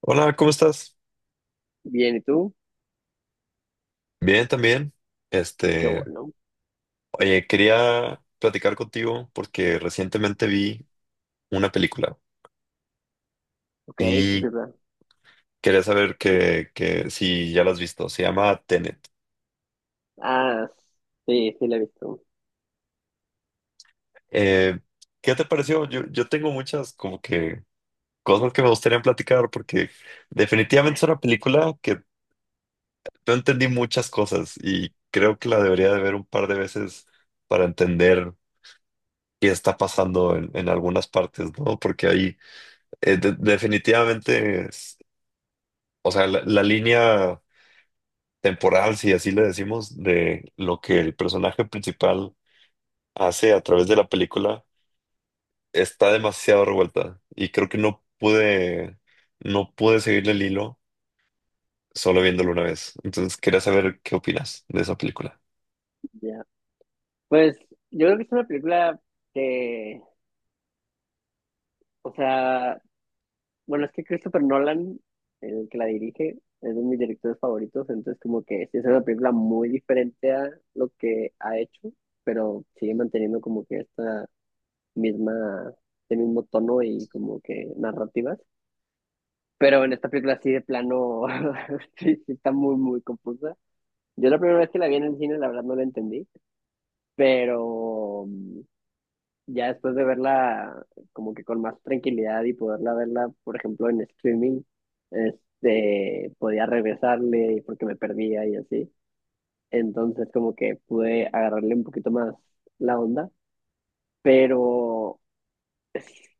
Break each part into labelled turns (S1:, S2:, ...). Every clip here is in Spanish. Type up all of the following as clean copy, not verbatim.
S1: Hola, ¿cómo estás?
S2: Bien, ¿y tú?
S1: Bien, también.
S2: Qué
S1: Este,
S2: bueno.
S1: oye, quería platicar contigo porque recientemente vi una película
S2: Ok, qué
S1: y
S2: película.
S1: quería saber que si ya la has visto. Se llama Tenet.
S2: Ah, sí, sí la he visto.
S1: Eh, ¿Qué te pareció? Yo tengo muchas como que cosas que me gustaría platicar porque definitivamente es una película que no entendí muchas cosas y creo que la debería de ver un par de veces para entender qué está pasando en algunas partes, ¿no? Porque ahí de- definitivamente, es- o sea, la línea temporal, si así le decimos, de lo que el personaje principal hace a través de la película está demasiado revuelta y creo que no pude seguirle el hilo solo viéndolo una vez. Entonces quería saber qué opinas de esa película.
S2: Ya. Pues yo creo que es una película que, o sea, bueno, es que Christopher Nolan, el que la dirige, es de mis directores favoritos, entonces como que sí es una película muy diferente a lo que ha hecho, pero sigue manteniendo como que misma, este mismo tono y como que narrativas. Pero en esta película sí de plano, sí, sí está muy, muy confusa. Yo la primera vez que la vi en el cine, la verdad no la entendí, pero ya después de verla como que con más tranquilidad y poderla verla, por ejemplo, en streaming, este, podía regresarle y porque me perdía y así. Entonces como que pude agarrarle un poquito más la onda, pero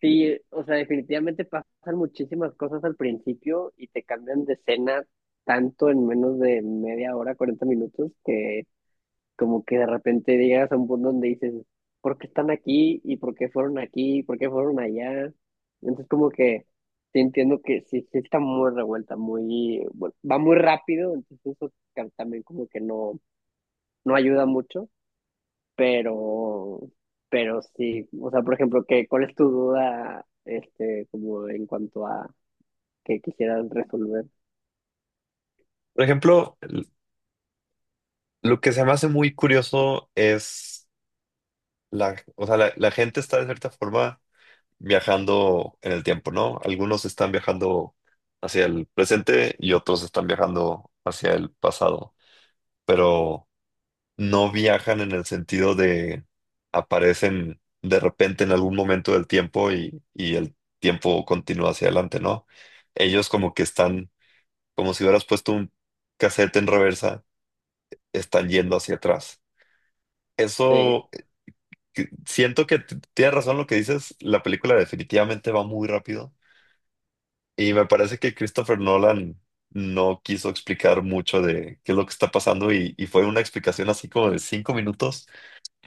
S2: sí, o sea, definitivamente pasan muchísimas cosas al principio y te cambian de escena tanto en menos de media hora, 40 minutos, que como que de repente llegas a un punto donde dices, ¿por qué están aquí? ¿Y por qué fueron aquí? ¿Por qué fueron allá? Entonces como que sí entiendo que sí, sí está muy revuelta, muy, bueno, va muy rápido, entonces eso también como que no, no ayuda mucho, pero, pero sí, o sea, por ejemplo, cuál es tu duda, este, como en cuanto a que quisieras resolver?
S1: Por ejemplo, l- lo que se me hace muy curioso es la, o sea, la la gente está de cierta forma viajando en el tiempo, ¿no? Algunos están viajando hacia el presente y otros están viajando hacia el pasado, pero no viajan en el sentido de aparecen de repente en algún momento del tiempo y el tiempo continúa hacia adelante, ¿no? Ellos como que están, como si hubieras puesto un cassette en reversa, están yendo hacia atrás.
S2: Sí,
S1: Eso, eh, siento que tienes razón lo que dices, la película definitivamente va muy rápido. Y me parece que Christopher Nolan no quiso explicar mucho de qué es lo que está pasando y fue una explicación así como de 5 minutos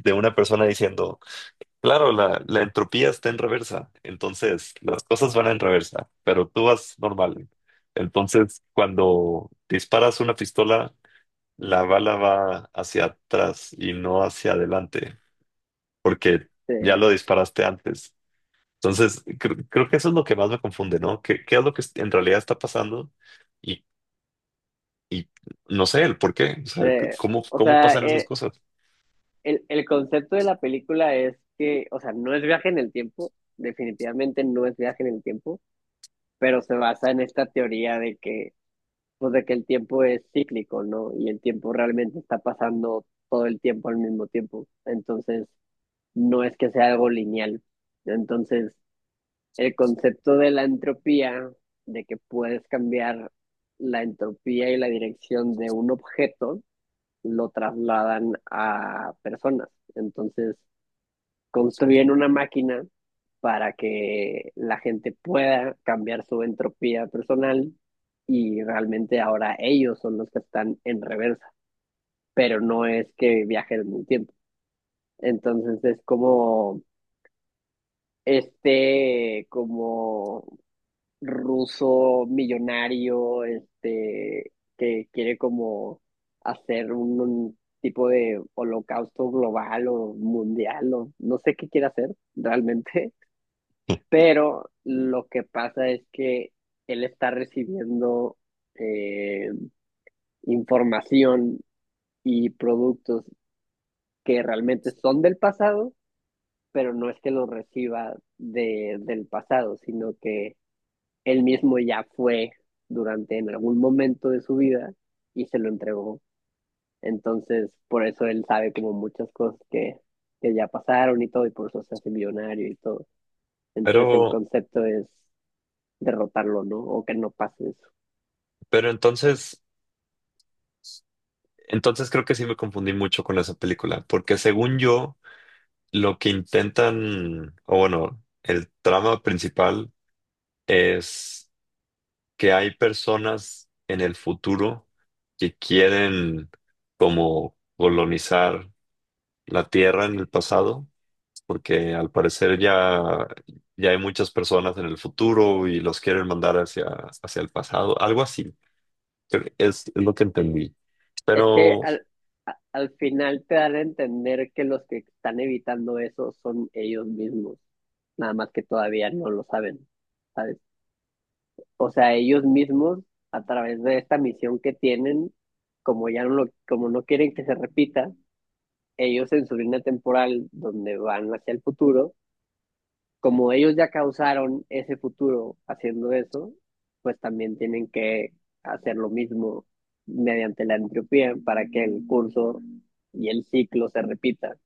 S1: de una persona diciendo, claro, la entropía está en reversa, entonces las cosas van en reversa, pero tú vas normal. Entonces, cuando disparas una pistola, la bala va hacia atrás y no hacia adelante, porque
S2: sí,
S1: ya lo disparaste antes. Entonces, creo que eso es lo que más me confunde, ¿no? ¿Qué es lo que en realidad está pasando? Y, y no sé el por qué, o sea,
S2: sí.
S1: ¿cómo,
S2: O
S1: cómo
S2: sea,
S1: pasan esas cosas?
S2: el concepto de la película es que, o sea, no es viaje en el tiempo, definitivamente no es viaje en el tiempo, pero se basa en esta teoría pues de que el tiempo es cíclico, ¿no? Y el tiempo realmente está pasando todo el tiempo al mismo tiempo. Entonces, no es que sea algo lineal. Entonces, el concepto de la entropía, de que puedes cambiar la entropía y la dirección de un objeto, lo trasladan a personas. Entonces, construyen una máquina para que la gente pueda cambiar su entropía personal y realmente ahora ellos son los que están en reversa, pero no es que viajen en el tiempo. Entonces es como este, como ruso millonario, este, que quiere como hacer un tipo de holocausto global o mundial o no sé qué quiere hacer realmente. Pero lo que pasa es que él está recibiendo eh, información y productos que realmente son del pasado, pero no es que los reciba del pasado, sino que él mismo ya fue durante en algún momento de su vida y se lo entregó. Entonces, por eso él sabe como muchas cosas que ya pasaron y todo, y por eso se hace millonario y todo. Entonces, el
S1: Pero,
S2: concepto es derrotarlo, ¿no? O que no pase eso.
S1: pero entonces, entonces creo que sí me confundí mucho con esa película, porque según yo, lo que intentan, o bueno, el trama principal es que hay personas en el futuro que quieren como colonizar la Tierra en el pasado, porque al parecer ya hay muchas personas en el futuro y los quieren mandar hacia el pasado, algo así. Creo que es lo que entendí.
S2: Es que
S1: Pero,
S2: al final te dan a entender que los que están evitando eso son ellos mismos, nada más que todavía no lo saben, ¿sabes? O sea, ellos mismos, a través de esta misión que tienen, como no quieren que se repita, ellos en su línea temporal, donde van hacia el futuro, como ellos ya causaron ese futuro haciendo eso, pues también tienen que hacer lo mismo mediante la entropía para que el curso y el ciclo se repita.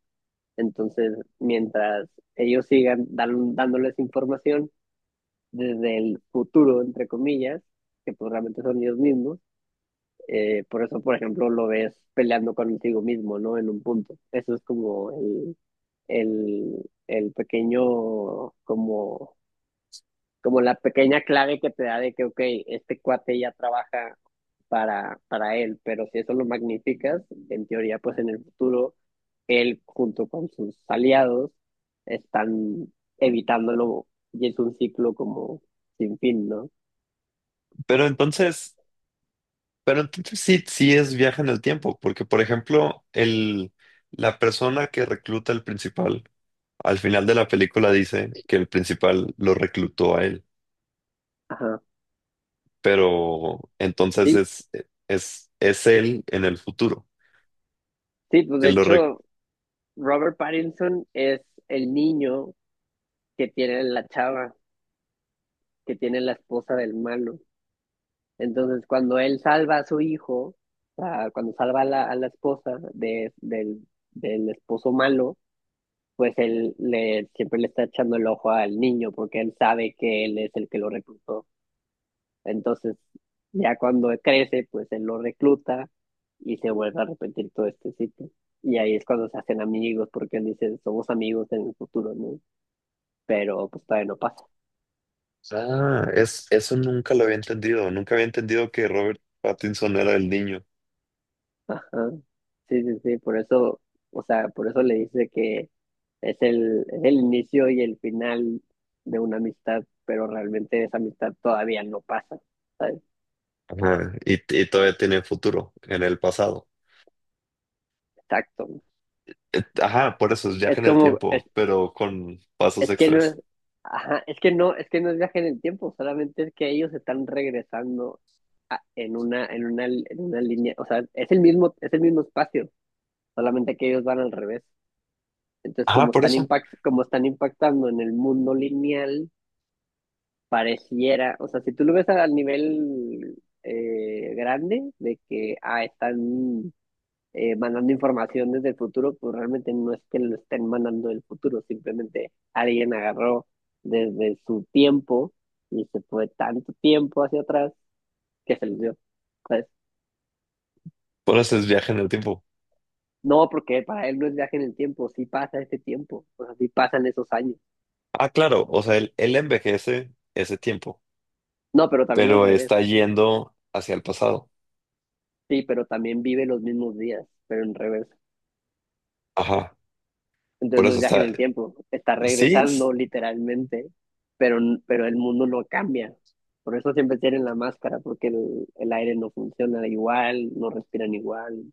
S2: Entonces, mientras ellos sigan dándoles información desde el futuro, entre comillas, que pues realmente son ellos mismos, por eso, por ejemplo, lo ves peleando contigo mismo, ¿no? En un punto. Eso es como el, el pequeño, como la pequeña clave que te da de que, ok, este cuate ya trabaja para él, pero si eso lo magnificas, en teoría, pues en el futuro, él junto con sus aliados están evitándolo y es un ciclo como sin fin, ¿no?
S1: pero entonces, pero entonces sí, sí es viaje en el tiempo, porque por ejemplo, la persona que recluta al principal, al final de la película dice que el principal lo reclutó a él,
S2: Ajá.
S1: pero entonces
S2: Sí,
S1: es él en el futuro,
S2: sí, pues
S1: que
S2: de
S1: lo, rec-
S2: hecho, Robert Pattinson es el niño que tiene la chava, que tiene la esposa del malo. Entonces, cuando él salva a su hijo, ah, cuando salva a la esposa del esposo malo, pues él siempre le está echando el ojo al niño porque él sabe que él es el que lo reclutó. Entonces, ya cuando crece, pues él lo recluta y se vuelve a repetir todo este ciclo. Y ahí es cuando se hacen amigos porque él dice, somos amigos en el futuro, ¿no? Pero pues todavía no pasa.
S1: Ah, eso nunca lo había entendido. Nunca había entendido que Robert Pattinson era el niño.
S2: Ajá. Sí, sí, sí, por eso, o sea, por eso le dice que es el inicio y el final de una amistad, pero realmente esa amistad todavía no pasa, ¿sabes?
S1: Ajá, y todavía tiene futuro en el pasado.
S2: Exacto.
S1: Ajá, por eso es viaje
S2: Es
S1: en el
S2: como,
S1: tiempo, pero con pasos
S2: es que no
S1: extras.
S2: es, ajá, es que no es viaje en el tiempo, solamente es que ellos están regresando en una línea, o sea, es el mismo espacio, solamente que ellos van al revés. Entonces,
S1: Ajá, por eso.
S2: como están impactando en el mundo lineal, pareciera, o sea, si tú lo ves al nivel grande de que están mandando información desde el futuro, pues realmente no es que lo estén mandando del futuro, simplemente alguien agarró desde su tiempo y se fue tanto tiempo hacia atrás que se los dio. Pues,
S1: Por eso es viaje en el tiempo.
S2: no, porque para él no es viaje en el tiempo, sí pasa este tiempo, o sea, sí pasan esos años.
S1: Ah, claro, o sea, él envejece ese tiempo,
S2: No, pero también al
S1: pero
S2: revés.
S1: está yendo hacia el pasado.
S2: Sí, pero también vive los mismos días, pero en revés.
S1: Ajá,
S2: Entonces
S1: por
S2: no es
S1: eso
S2: viaje
S1: está.
S2: en el tiempo, está
S1: Sí,
S2: regresando literalmente, pero, pero el mundo no cambia. Por eso siempre tienen la máscara, porque el aire no funciona igual, no respiran igual.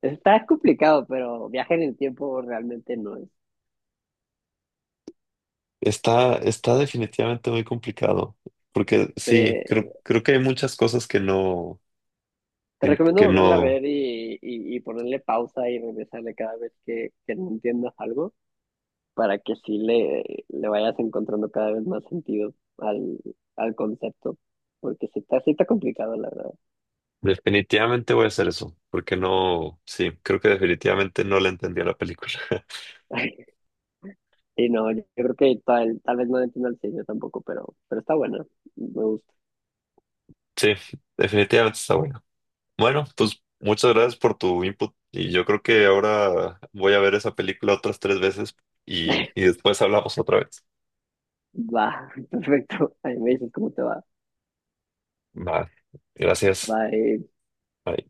S2: Está complicado, pero viaje en el tiempo realmente no es.
S1: está, está definitivamente muy complicado. Porque sí,
S2: Te,
S1: creo que hay muchas cosas que no.
S2: te
S1: que
S2: recomiendo
S1: que
S2: volverla a
S1: no,
S2: ver y, y ponerle pausa y regresarle cada vez que no entiendas algo para que sí le vayas encontrando cada vez más sentido al concepto, porque sí está complicado, la verdad.
S1: Definitivamente voy a hacer eso, porque no, sí, creo que definitivamente no le entendí a la película.
S2: Y no, yo creo que tal vez no le entiendo el sello tampoco, pero está bueno. Me gusta.
S1: Sí, definitivamente está bueno. Bueno, pues muchas gracias por tu input y yo creo que ahora voy a ver esa película otras tres veces y después hablamos otra vez.
S2: Va, perfecto. Ahí me dices cómo te va.
S1: Vale, gracias.
S2: Bye.
S1: Bye.